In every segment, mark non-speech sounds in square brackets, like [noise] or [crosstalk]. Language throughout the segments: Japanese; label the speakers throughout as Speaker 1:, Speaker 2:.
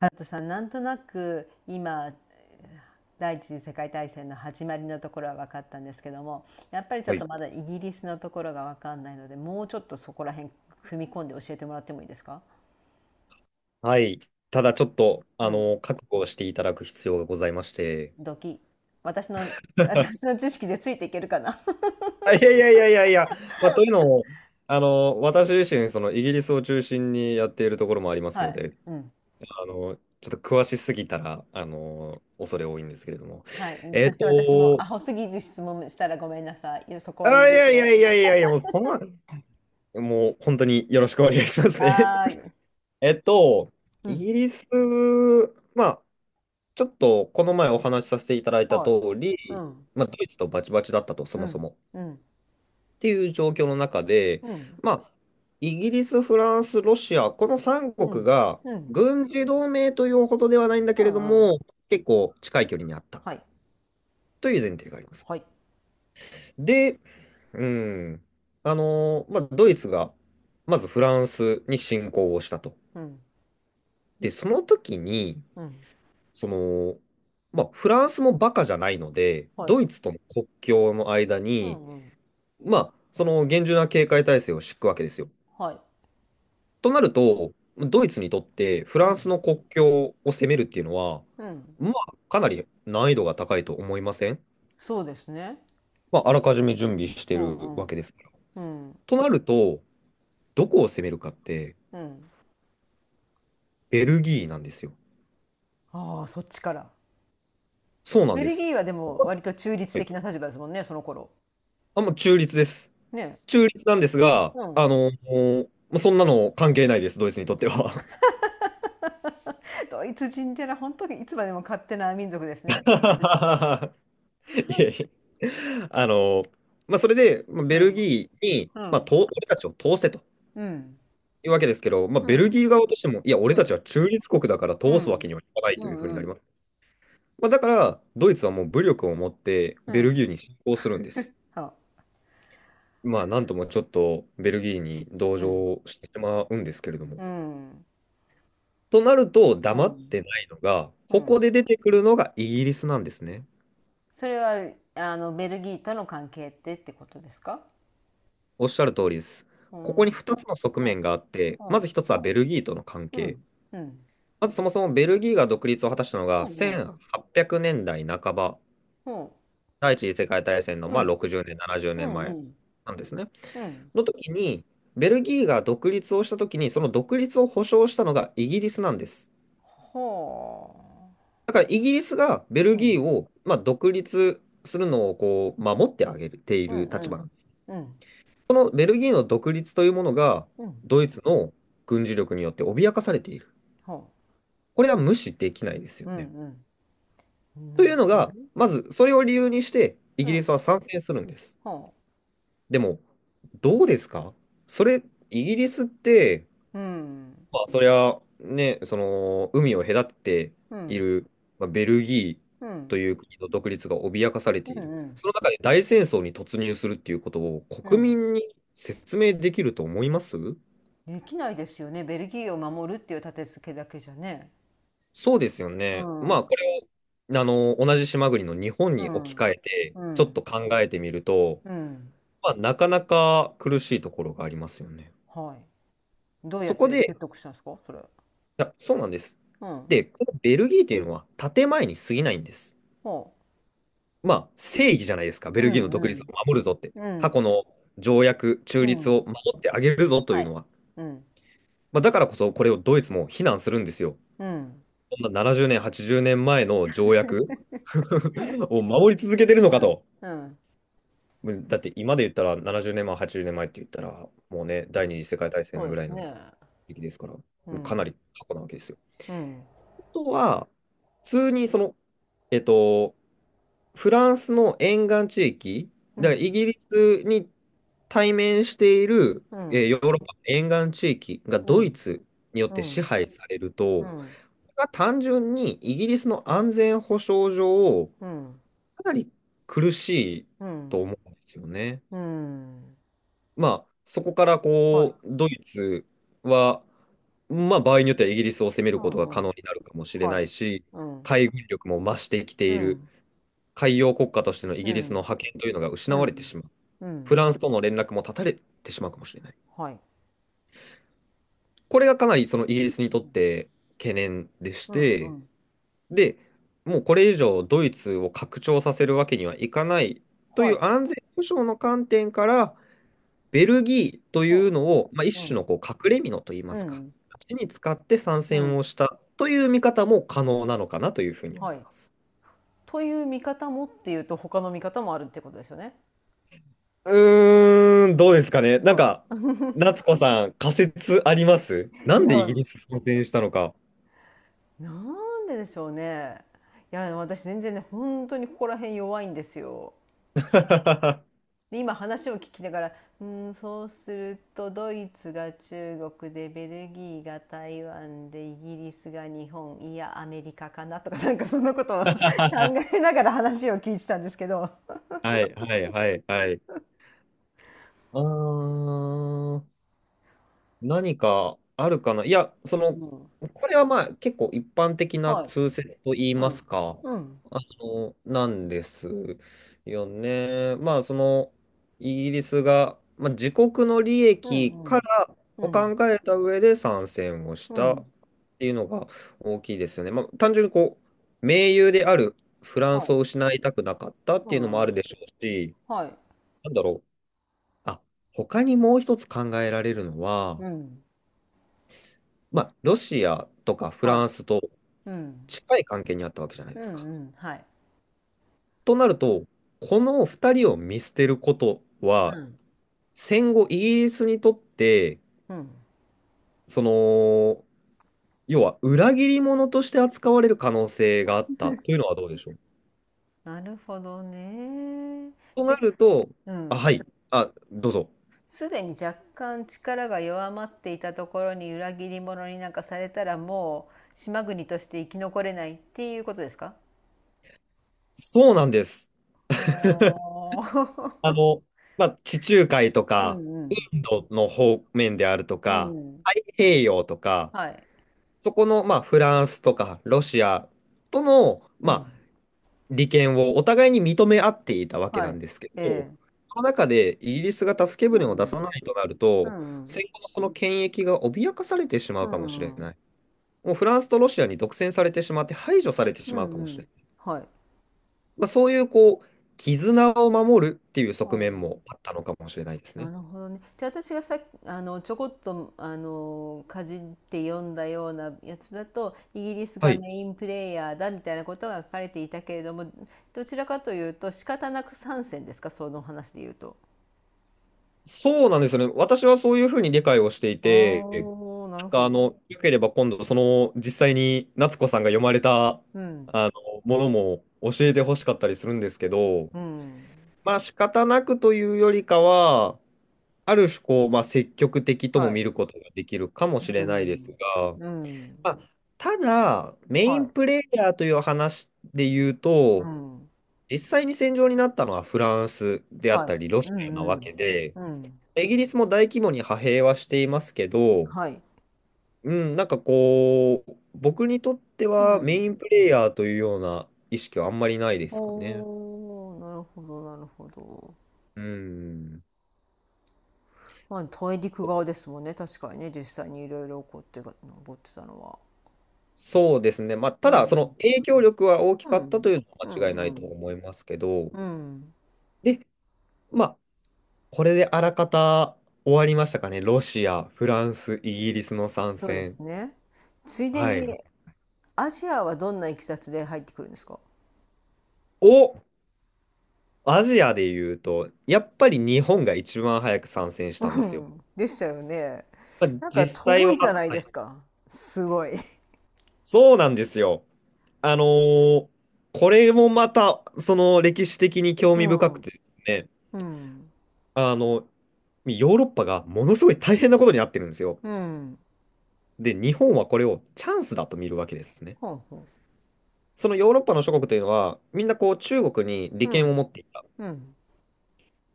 Speaker 1: ハルさん、なんとなく今第一次世界大戦の始まりのところは分かったんですけども、やっぱりちょ
Speaker 2: は
Speaker 1: っと
Speaker 2: い。
Speaker 1: まだイギリスのところが分かんないので、もうちょっとそこら辺踏み込んで教えてもらってもいいですか？
Speaker 2: はい。ただちょっと、
Speaker 1: うん、
Speaker 2: 覚悟をしていただく必要がございまして。
Speaker 1: ドキ。私の、私
Speaker 2: [laughs]
Speaker 1: の知識でついていけるかな。
Speaker 2: あいやいやいやいやいや、まあ、というのも、私自身、そのイギリスを中心にやっているところもありま
Speaker 1: [laughs]
Speaker 2: す
Speaker 1: は
Speaker 2: の
Speaker 1: い。
Speaker 2: で、
Speaker 1: うん。
Speaker 2: あの、ちょっと詳しすぎたら、恐れ多いんですけれども。
Speaker 1: はい。
Speaker 2: えっ
Speaker 1: そして私も
Speaker 2: と、
Speaker 1: アホすぎる質問したらごめんなさい。いやそこは許
Speaker 2: あ、い
Speaker 1: し
Speaker 2: やいや
Speaker 1: て。
Speaker 2: いやいやいや、もうそんな、もう本当によろしくお願いしますね。
Speaker 1: あ
Speaker 2: [laughs]
Speaker 1: あ、
Speaker 2: えっと、
Speaker 1: う
Speaker 2: イ
Speaker 1: ん。
Speaker 2: ギリス、まあ、ちょっとこの前お話しさせていただいた通
Speaker 1: はい。う
Speaker 2: り、
Speaker 1: ん。
Speaker 2: まあ、ドイツとバチバチだったと、そ
Speaker 1: う
Speaker 2: もそ
Speaker 1: ん。
Speaker 2: も。っ
Speaker 1: うん。
Speaker 2: ていう状況の中で、
Speaker 1: うん。
Speaker 2: まあ、イギリス、フランス、ロシア、この
Speaker 1: う
Speaker 2: 3国
Speaker 1: ん。
Speaker 2: が
Speaker 1: うん。
Speaker 2: 軍事同盟というほどではないんだけ
Speaker 1: う
Speaker 2: れど
Speaker 1: ん。うん。
Speaker 2: も、結構近い距離にあった
Speaker 1: はい。
Speaker 2: という前提があります。
Speaker 1: はい。
Speaker 2: で、うん、まあ、ドイツがまずフランスに侵攻をしたと。
Speaker 1: うん。
Speaker 2: で、その時に、
Speaker 1: うん。
Speaker 2: その、まあ、フランスもバカじゃないので、
Speaker 1: はい。
Speaker 2: ドイツとの国境の間
Speaker 1: う
Speaker 2: に、
Speaker 1: んうん。
Speaker 2: まあ、その厳重な警戒態勢を敷くわけですよ。
Speaker 1: はい。
Speaker 2: となると、ドイツにとってフ
Speaker 1: う
Speaker 2: ラン
Speaker 1: ん。
Speaker 2: スの国境を攻めるっていうのは、
Speaker 1: うん。
Speaker 2: まあ、かなり難易度が高いと思いません？
Speaker 1: そうですね。
Speaker 2: まあ、あらかじめ準備して
Speaker 1: う
Speaker 2: る
Speaker 1: んう
Speaker 2: わけ
Speaker 1: ん。
Speaker 2: ですから。
Speaker 1: うん。
Speaker 2: となると、どこを攻めるかって、
Speaker 1: うん。
Speaker 2: ベルギーなんですよ。
Speaker 1: ああ、そっちから。
Speaker 2: そうなん
Speaker 1: ベ
Speaker 2: で
Speaker 1: ル
Speaker 2: す。
Speaker 1: ギーはで
Speaker 2: こ
Speaker 1: も
Speaker 2: こ
Speaker 1: 割と中
Speaker 2: っ
Speaker 1: 立
Speaker 2: て、
Speaker 1: 的な立場ですもんね、その頃。
Speaker 2: あ、もう中立です。
Speaker 1: ね。
Speaker 2: 中立なんですが、
Speaker 1: うん。
Speaker 2: もうそんなの関係ないです、ドイツにとっては。
Speaker 1: [laughs] ドイツ人ってのは本当にいつまでも勝手な民族ですね。
Speaker 2: [laughs] いえいえ。あの、まあ、それで、まあ、
Speaker 1: う
Speaker 2: ベル
Speaker 1: ん。
Speaker 2: ギーに、
Speaker 1: う
Speaker 2: まあ、
Speaker 1: ん。
Speaker 2: 俺たちを通せと
Speaker 1: うん。
Speaker 2: いうわけですけど、まあ、
Speaker 1: う
Speaker 2: ベル
Speaker 1: ん。
Speaker 2: ギー側としても、いや、俺
Speaker 1: う
Speaker 2: たち
Speaker 1: ん。
Speaker 2: は中立国だから
Speaker 1: う
Speaker 2: 通すわ
Speaker 1: ん。
Speaker 2: けにはいかない
Speaker 1: う
Speaker 2: という
Speaker 1: ん。
Speaker 2: ふう
Speaker 1: う
Speaker 2: になりま
Speaker 1: ん。
Speaker 2: す。まあ、だから、ドイツはもう武力を持って
Speaker 1: う
Speaker 2: ベル
Speaker 1: ん。
Speaker 2: ギーに侵攻するんです。
Speaker 1: は。
Speaker 2: まあ、なんともちょっとベルギーに同
Speaker 1: うん。
Speaker 2: 情してしまうんですけれども。
Speaker 1: うん。
Speaker 2: となると、
Speaker 1: う
Speaker 2: 黙っ
Speaker 1: ん。
Speaker 2: てないのが、
Speaker 1: う
Speaker 2: ここ
Speaker 1: ん。
Speaker 2: で出てくるのがイギリスなんですね。
Speaker 1: それは、あの、ベルギーとの関係ってってことですか？
Speaker 2: おっしゃる通りです。
Speaker 1: う
Speaker 2: ここ
Speaker 1: ん、
Speaker 2: に
Speaker 1: うん、
Speaker 2: 2つの側面があって、
Speaker 1: う
Speaker 2: まず
Speaker 1: ん、
Speaker 2: 1つはベルギーとの関
Speaker 1: う
Speaker 2: 係。
Speaker 1: ん、うん、
Speaker 2: まずそもそもベルギーが独立を果たしたのが
Speaker 1: うん、
Speaker 2: 1800年代半ば、
Speaker 1: うん、
Speaker 2: 第一次世界大戦の
Speaker 1: う
Speaker 2: まあ
Speaker 1: ん、
Speaker 2: 60年、70
Speaker 1: う
Speaker 2: 年
Speaker 1: ん、う
Speaker 2: 前
Speaker 1: ん、
Speaker 2: なんですね。
Speaker 1: うん、
Speaker 2: の時に、ベルギーが独立をした時に、その独立を保障したのがイギリスなんです。
Speaker 1: ほ
Speaker 2: だからイギリスがベル
Speaker 1: う、うん、
Speaker 2: ギーをまあ独立するのをこう守ってあげてい
Speaker 1: う
Speaker 2: る
Speaker 1: ん、
Speaker 2: 立
Speaker 1: う
Speaker 2: 場
Speaker 1: ん、
Speaker 2: なんです。
Speaker 1: うん、
Speaker 2: このベルギーの独立というものが、
Speaker 1: うん、
Speaker 2: ドイツの軍事力によって脅かされている。
Speaker 1: ほ
Speaker 2: これは無視できないです
Speaker 1: う、
Speaker 2: よ
Speaker 1: う
Speaker 2: ね。
Speaker 1: ん、うん、
Speaker 2: と
Speaker 1: な
Speaker 2: い
Speaker 1: る
Speaker 2: うの
Speaker 1: ほど
Speaker 2: が、
Speaker 1: ね。
Speaker 2: まずそれを理由にして、イ
Speaker 1: う
Speaker 2: ギリ
Speaker 1: ん、
Speaker 2: スは参戦するんです。
Speaker 1: ほ
Speaker 2: でも、どうですか？それ、イギリスって、
Speaker 1: う、うん、
Speaker 2: まあ、そりゃ、ね、海を隔て
Speaker 1: う
Speaker 2: てい
Speaker 1: ん、
Speaker 2: る、まあ、ベルギ
Speaker 1: うん、う
Speaker 2: ーと
Speaker 1: ん、
Speaker 2: いう国の独立が脅かされて
Speaker 1: う
Speaker 2: いる。
Speaker 1: ん、
Speaker 2: その中で大戦争に突入するっていうことを
Speaker 1: う
Speaker 2: 国
Speaker 1: ん。
Speaker 2: 民に説明できると思います？
Speaker 1: できないですよね。ベルギーを守るっていう立て付けだけじゃね。
Speaker 2: そうですよ
Speaker 1: う
Speaker 2: ね。ま
Speaker 1: ん、う
Speaker 2: あ、
Speaker 1: ん、
Speaker 2: これを、同じ島国の日本に置き換えて、
Speaker 1: う
Speaker 2: ちょっ
Speaker 1: ん、
Speaker 2: と考えてみると、
Speaker 1: うん、
Speaker 2: まあ、なかなか苦しいところがありますよね。
Speaker 1: はい。どうや
Speaker 2: そ
Speaker 1: っ
Speaker 2: こ
Speaker 1: て
Speaker 2: で、い
Speaker 1: 説得したんですかそれ。
Speaker 2: や、そうなんです。
Speaker 1: うん。
Speaker 2: で、このベルギーというのは建前に過ぎないんです。
Speaker 1: ほ
Speaker 2: まあ、正義じゃないですか。ベ
Speaker 1: う。う
Speaker 2: ルギーの
Speaker 1: ん、
Speaker 2: 独立を
Speaker 1: う
Speaker 2: 守るぞって。
Speaker 1: ん。う
Speaker 2: 過去
Speaker 1: ん。
Speaker 2: の条約、中
Speaker 1: う
Speaker 2: 立を
Speaker 1: ん。
Speaker 2: 守ってあげるぞとい
Speaker 1: は
Speaker 2: う
Speaker 1: い。
Speaker 2: のは。
Speaker 1: うん。
Speaker 2: まあ、だからこそ、これをドイツも非難するんですよ。
Speaker 1: うん。
Speaker 2: こんな70年、80年前の条約 [laughs] を守り続けてるの
Speaker 1: う
Speaker 2: か
Speaker 1: ん。
Speaker 2: と。
Speaker 1: うん。
Speaker 2: だって今で言ったら70年前、80年前って言ったら、もうね、第二次世界大
Speaker 1: そ
Speaker 2: 戦
Speaker 1: う
Speaker 2: ぐ
Speaker 1: で
Speaker 2: らい
Speaker 1: す
Speaker 2: の
Speaker 1: ね。
Speaker 2: 時期ですから、も
Speaker 1: う
Speaker 2: うかな
Speaker 1: ん。
Speaker 2: り過去なわけですよ。
Speaker 1: うん。
Speaker 2: あとは、普通にえっと、フランスの沿岸地域、
Speaker 1: う
Speaker 2: だからイ
Speaker 1: ん。
Speaker 2: ギリスに対面している、
Speaker 1: うん。
Speaker 2: ヨーロッパの沿岸地域が
Speaker 1: う
Speaker 2: ドイ
Speaker 1: ん。
Speaker 2: ツによっ
Speaker 1: う
Speaker 2: て支
Speaker 1: ん。
Speaker 2: 配される
Speaker 1: う
Speaker 2: と、こ
Speaker 1: ん。
Speaker 2: れは単純にイギリスの安全保障上、
Speaker 1: うん。
Speaker 2: かなり苦しい
Speaker 1: うん。
Speaker 2: と思うんですよね。
Speaker 1: うん。
Speaker 2: まあ、そこから
Speaker 1: はい。
Speaker 2: こう、ドイツは、まあ、場合によってはイギリスを攻め
Speaker 1: う
Speaker 2: ることが
Speaker 1: ん。
Speaker 2: 可
Speaker 1: う
Speaker 2: 能
Speaker 1: ん。
Speaker 2: になるかもしれ
Speaker 1: は
Speaker 2: ない
Speaker 1: い。
Speaker 2: し、
Speaker 1: うん。
Speaker 2: 海軍力も増してきて
Speaker 1: う
Speaker 2: いる、
Speaker 1: ん。
Speaker 2: 海洋国家としてのイ
Speaker 1: う
Speaker 2: ギリスの
Speaker 1: ん。
Speaker 2: 覇権というのが失
Speaker 1: う
Speaker 2: われて
Speaker 1: ん。
Speaker 2: しまう、
Speaker 1: う
Speaker 2: フ
Speaker 1: ん。
Speaker 2: ランスとの連絡も断たれてしまうかもしれない。
Speaker 1: はい。
Speaker 2: これがかなりそのイギリスにとって懸念でし
Speaker 1: うん。う
Speaker 2: て、
Speaker 1: ん。
Speaker 2: で、もうこれ以上ドイツを拡張させるわけにはいかないとい
Speaker 1: はい。
Speaker 2: う安全保障の観点から、ベルギーという
Speaker 1: ほ
Speaker 2: のを、まあ、
Speaker 1: う。う
Speaker 2: 一種
Speaker 1: ん。
Speaker 2: のこう隠れ蓑といいま
Speaker 1: う
Speaker 2: すか、
Speaker 1: ん。
Speaker 2: 鉢に使って参
Speaker 1: う
Speaker 2: 戦
Speaker 1: ん。
Speaker 2: をしたという見方も可能なのかなというふうに思い
Speaker 1: はい。
Speaker 2: ます。
Speaker 1: という見方もっていうと他の見方もあるってことですよね。
Speaker 2: うーん、どうですかね。なんか、
Speaker 1: ど
Speaker 2: 夏子さん、仮説あります？
Speaker 1: う
Speaker 2: なんでイギリス参戦したのか。
Speaker 1: なんででしょうね。いや私全然ね本当にここら辺弱いんですよ。
Speaker 2: [laughs]
Speaker 1: で今話を聞きながら「うーんそうするとドイツが中国でベルギーが台湾でイギリスが日本いやアメリカかな」とかなんかそんなことを [laughs] 考
Speaker 2: は
Speaker 1: えながら話を聞いてたんですけど。
Speaker 2: い、はい、はい、はい。あー何かあるかないや、
Speaker 1: うん、
Speaker 2: これはまあ結構一般的な
Speaker 1: はい。
Speaker 2: 通説と言い
Speaker 1: う
Speaker 2: ます
Speaker 1: ん。
Speaker 2: か、
Speaker 1: うん。
Speaker 2: なんですよね。まあイギリスが、まあ、自国の利
Speaker 1: う
Speaker 2: 益
Speaker 1: ん。う
Speaker 2: か
Speaker 1: ん。
Speaker 2: ら
Speaker 1: う
Speaker 2: を
Speaker 1: ん。
Speaker 2: 考えた上で参戦をし
Speaker 1: う
Speaker 2: たっ
Speaker 1: ん
Speaker 2: ていうのが大きいですよね。まあ単純にこう、盟友であるフラン
Speaker 1: は
Speaker 2: ス
Speaker 1: い。
Speaker 2: を失いたくなかったって
Speaker 1: う
Speaker 2: いうのもある
Speaker 1: ん。
Speaker 2: でしょうし、
Speaker 1: はい。
Speaker 2: なんだろう。あ、他にもう一つ考えられるのは、
Speaker 1: うん。
Speaker 2: まあ、ロシアとかフ
Speaker 1: は
Speaker 2: ラ
Speaker 1: い。
Speaker 2: ンスと
Speaker 1: うん。
Speaker 2: 近い関係にあったわけじゃない
Speaker 1: うん
Speaker 2: です
Speaker 1: う
Speaker 2: か。
Speaker 1: ん。はい。
Speaker 2: となると、この2人を見捨てること
Speaker 1: う
Speaker 2: は、
Speaker 1: ん。
Speaker 2: 戦後イギリスにとって、
Speaker 1: うん。
Speaker 2: その、要は裏切り者として扱われる可能性があったというのはどうでしょう。
Speaker 1: なるほどね。
Speaker 2: とな
Speaker 1: です。
Speaker 2: ると、
Speaker 1: う
Speaker 2: あ、
Speaker 1: ん。
Speaker 2: はい、あ、どうぞ。
Speaker 1: すでに若干力が弱まっていたところに裏切り者になんかされたらもう島国として生き残れないっていうことですか？
Speaker 2: そうなんです。
Speaker 1: は
Speaker 2: あ
Speaker 1: あ。
Speaker 2: の、まあ、地中海と
Speaker 1: [laughs] う
Speaker 2: か
Speaker 1: んうん。
Speaker 2: インドの方面であると
Speaker 1: う
Speaker 2: か、
Speaker 1: ん。
Speaker 2: 太平洋とか、
Speaker 1: はい。
Speaker 2: そこの、まあ、フランスとかロシアとの、
Speaker 1: うん。
Speaker 2: まあ、利権をお互いに認め合っていたわけ
Speaker 1: は
Speaker 2: な
Speaker 1: い。
Speaker 2: んですけ
Speaker 1: え
Speaker 2: ど、
Speaker 1: え。
Speaker 2: その中でイギリスが助け
Speaker 1: う
Speaker 2: 舟
Speaker 1: ん
Speaker 2: を出
Speaker 1: う
Speaker 2: さ
Speaker 1: ん。
Speaker 2: ないとなる
Speaker 1: う
Speaker 2: と、
Speaker 1: んうん。
Speaker 2: 戦後のその権益が脅かされてしま
Speaker 1: う
Speaker 2: うかもしれ
Speaker 1: んう
Speaker 2: な
Speaker 1: ん。
Speaker 2: い。もうフランスとロシアに独占されてしまって排除されて
Speaker 1: う
Speaker 2: しまうか
Speaker 1: んう
Speaker 2: もしれ
Speaker 1: ん。
Speaker 2: ない。
Speaker 1: はい。
Speaker 2: まあ、そういうこう、絆を守るっていう
Speaker 1: う
Speaker 2: 側面も
Speaker 1: ん
Speaker 2: あったのかもしれないです
Speaker 1: な
Speaker 2: ね。
Speaker 1: るほどね。じゃあ私がさあのちょこっとあのかじって読んだようなやつだとイギリス
Speaker 2: は
Speaker 1: が
Speaker 2: い。
Speaker 1: メインプレイヤーだみたいなことが書かれていたけれども、どちらかというと仕方なく参戦ですかその話で言うと。
Speaker 2: そうなんですよね。私はそういうふうに理解をしてい
Speaker 1: あ
Speaker 2: て、
Speaker 1: あなるほど。
Speaker 2: よければ今度、実際に夏子さんが読まれた
Speaker 1: うん
Speaker 2: ものも教えてほしかったりするんですけど、
Speaker 1: うん
Speaker 2: まあ仕方なくというよりかは、ある種こう、まあ積極的とも
Speaker 1: はい
Speaker 2: 見ることができるかもし
Speaker 1: う
Speaker 2: れないです
Speaker 1: ん
Speaker 2: が、
Speaker 1: うん
Speaker 2: まあ、ただ、メイ
Speaker 1: は
Speaker 2: ンプ
Speaker 1: い
Speaker 2: レイヤーという話で言う
Speaker 1: う
Speaker 2: と、
Speaker 1: ん
Speaker 2: 実際に戦場になったのはフランスであっ
Speaker 1: は
Speaker 2: たり、ロ
Speaker 1: いう
Speaker 2: シアな
Speaker 1: んう
Speaker 2: わ
Speaker 1: ん
Speaker 2: けで、
Speaker 1: うん
Speaker 2: イギリスも大規模に派兵はしていますけど、
Speaker 1: はい
Speaker 2: うん、なんかこう、僕にとって
Speaker 1: う
Speaker 2: はメ
Speaker 1: ん
Speaker 2: インプレイヤーというような意識はあんまりないですかね。
Speaker 1: おーなるほどなるほど。
Speaker 2: うん。
Speaker 1: まあ大陸側ですもんね確かにね実際にいろいろ起こってが起ってたのは。
Speaker 2: そうですね。まあ、
Speaker 1: う
Speaker 2: ただ、その
Speaker 1: ん。
Speaker 2: 影響力は大き
Speaker 1: う
Speaker 2: かったと
Speaker 1: ん、
Speaker 2: いうのは
Speaker 1: う
Speaker 2: 間
Speaker 1: ん
Speaker 2: 違いな
Speaker 1: う
Speaker 2: いと
Speaker 1: ん
Speaker 2: 思いますけど、
Speaker 1: うん
Speaker 2: で、まあ、これであらかた終わりましたかね。ロシア、フランス、イギリスの参
Speaker 1: そうで
Speaker 2: 戦。
Speaker 1: すね。ついで
Speaker 2: はい。
Speaker 1: にアジアはどんないきさつで入ってくるんですか？
Speaker 2: を、アジアで言うと、やっぱり日本が一番早く参戦し
Speaker 1: う
Speaker 2: たんですよ。
Speaker 1: んでしたよね。
Speaker 2: まあ、
Speaker 1: なんか
Speaker 2: 実際
Speaker 1: 遠
Speaker 2: は、
Speaker 1: いじゃない
Speaker 2: は
Speaker 1: で
Speaker 2: い
Speaker 1: すか。すごい。
Speaker 2: そうなんですよ。あのーこれもまた、その歴史的に興
Speaker 1: う
Speaker 2: 味深くて
Speaker 1: ん。
Speaker 2: ですね、
Speaker 1: うん。
Speaker 2: あの、ヨーロッパがものすごい大変なことになってるんですよ。
Speaker 1: うん。
Speaker 2: で、日本はこれをチャンスだと見るわけですね。
Speaker 1: ほうほ
Speaker 2: そのヨーロッパの諸国というのは、みんなこう中国に
Speaker 1: う。
Speaker 2: 利
Speaker 1: う
Speaker 2: 権を
Speaker 1: ん。
Speaker 2: 持っていた。
Speaker 1: うん。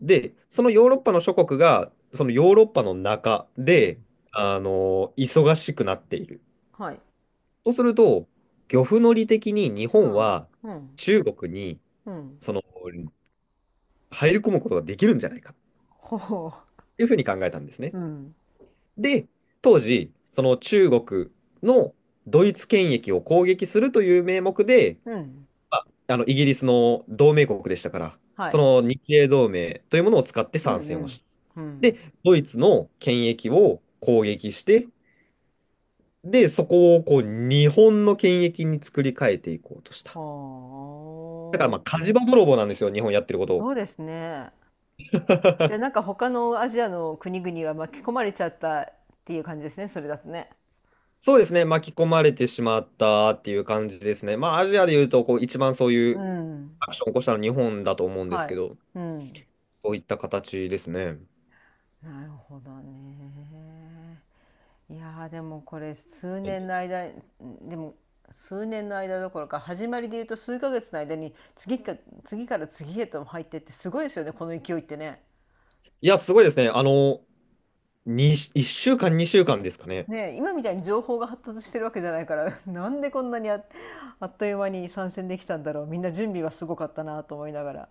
Speaker 2: で、そのヨーロッパの諸国が、そのヨーロッパの中
Speaker 1: うん。
Speaker 2: で、忙しくなっている。
Speaker 1: はい。
Speaker 2: そうすると、漁夫の利的に日
Speaker 1: う
Speaker 2: 本
Speaker 1: ん。
Speaker 2: は
Speaker 1: うん。
Speaker 2: 中国に、
Speaker 1: うん。
Speaker 2: その、入り込むことができるんじゃないか。
Speaker 1: ほうほ
Speaker 2: いうふうに考えたんですね。
Speaker 1: う。うん。
Speaker 2: で、当時、その中国のドイツ権益を攻撃するという名目で、
Speaker 1: うん。
Speaker 2: まあ、あのイギリスの同盟国でしたから、
Speaker 1: は
Speaker 2: そ
Speaker 1: い。
Speaker 2: の日英同盟というものを使って
Speaker 1: う
Speaker 2: 参
Speaker 1: ん
Speaker 2: 戦
Speaker 1: う
Speaker 2: を
Speaker 1: ん。
Speaker 2: した。
Speaker 1: う
Speaker 2: で、
Speaker 1: ん。
Speaker 2: ドイツの権益を攻撃して、で、そこをこう日本の権益に作り変えていこうとした。
Speaker 1: は
Speaker 2: だから
Speaker 1: あ、
Speaker 2: まあ火事場泥棒なんですよ、日本やってること
Speaker 1: そ
Speaker 2: を。
Speaker 1: うですね。じゃあなん
Speaker 2: [laughs]
Speaker 1: か他のアジアの国々は巻き込まれちゃったっていう感じですね、それだとね。
Speaker 2: そうですね、巻き込まれてしまったっていう感じですね。まあ、アジアでいうとこう一番そうい
Speaker 1: う
Speaker 2: う
Speaker 1: ん。
Speaker 2: アクションを起こしたの日本だと思うんです
Speaker 1: は
Speaker 2: け
Speaker 1: い。
Speaker 2: ど、
Speaker 1: うん。
Speaker 2: そういった形ですね。
Speaker 1: なるほどね。いやーでもこれ数
Speaker 2: はい、
Speaker 1: 年の間、でも数年の間どころか始まりで言うと数ヶ月の間に次か、次から次へと入ってってすごいですよね、この勢いってね。
Speaker 2: いや、すごいですね。あの、に、1週間、2週間ですかね。
Speaker 1: ねえ、今みたいに情報が発達してるわけじゃないから [laughs] なんでこんなにあ、あっという間に参戦できたんだろうみんな準備はすごかったなと思いながら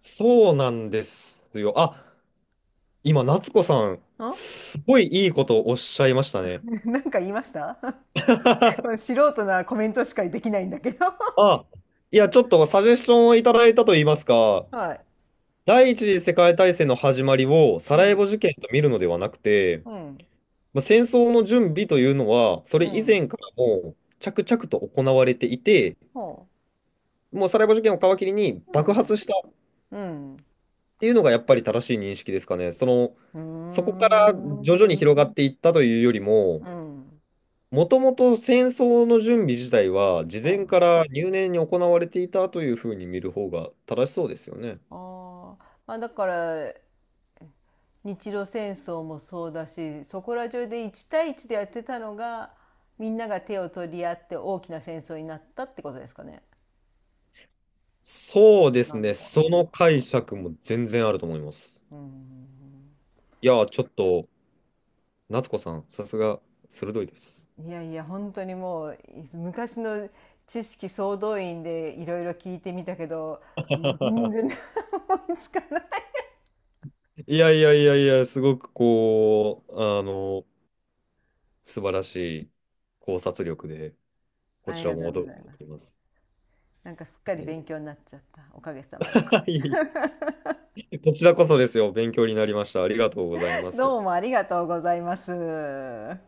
Speaker 2: そうなんですよ。あ、今、夏子さん、
Speaker 1: ん。
Speaker 2: すごいいいことをおっしゃいましたね。
Speaker 1: [laughs] なんか言いました？ [laughs] これ
Speaker 2: [laughs]
Speaker 1: 素人なコメントしかできないんだけど。 [laughs]
Speaker 2: あ、いや、ちょっとサジェスションをいただいたといいますか、
Speaker 1: はい
Speaker 2: 第一次世界大戦の始まりをサ
Speaker 1: う
Speaker 2: ラエ
Speaker 1: ん
Speaker 2: ボ事件と見るのではなくて、
Speaker 1: うん
Speaker 2: まあ、戦争の準備というのは、それ
Speaker 1: う
Speaker 2: 以
Speaker 1: ん
Speaker 2: 前からもう着々と行われていて、
Speaker 1: ほ
Speaker 2: もうサラエボ事件を皮切りに
Speaker 1: うう
Speaker 2: 爆発
Speaker 1: ん
Speaker 2: したっ
Speaker 1: うん
Speaker 2: ていうのがやっぱり正しい認識ですかね。その、
Speaker 1: う
Speaker 2: そこから
Speaker 1: んうー
Speaker 2: 徐
Speaker 1: ん
Speaker 2: 々に広がっていったというよりも、
Speaker 1: うん
Speaker 2: もともと戦争の準備自体は事
Speaker 1: う
Speaker 2: 前か
Speaker 1: ん
Speaker 2: ら入念に行われていたというふうに見る方が正しそうですよね。
Speaker 1: ああまあだから日露戦争もそうだしそこら中で1対1でやってたのがみんなが手を取り合って大きな戦争になったってことですかね。
Speaker 2: そうです
Speaker 1: なの
Speaker 2: ね。
Speaker 1: か
Speaker 2: そ
Speaker 1: な。
Speaker 2: の解釈も全然あると思います。
Speaker 1: うん
Speaker 2: いや、ちょっと、夏子さん、さすが鋭いです。
Speaker 1: いやいや本当にもう昔の知識総動員でいろいろ聞いてみたけど全
Speaker 2: [laughs]
Speaker 1: 然思いつかない。
Speaker 2: いやいやいやいや、すごくこう、あの、素晴らしい考察力で。こ
Speaker 1: あ
Speaker 2: ち
Speaker 1: り
Speaker 2: ら
Speaker 1: がと
Speaker 2: も
Speaker 1: うご
Speaker 2: 驚い
Speaker 1: ざい
Speaker 2: て
Speaker 1: ま
Speaker 2: おり
Speaker 1: す。
Speaker 2: ます。
Speaker 1: なんかすっか
Speaker 2: あ
Speaker 1: り
Speaker 2: りがと
Speaker 1: 勉強になっちゃったおかげさまで。
Speaker 2: う [laughs]
Speaker 1: [laughs]
Speaker 2: こちらこそですよ。勉強になりました。ありがとうございます。
Speaker 1: どうもありがとうございます。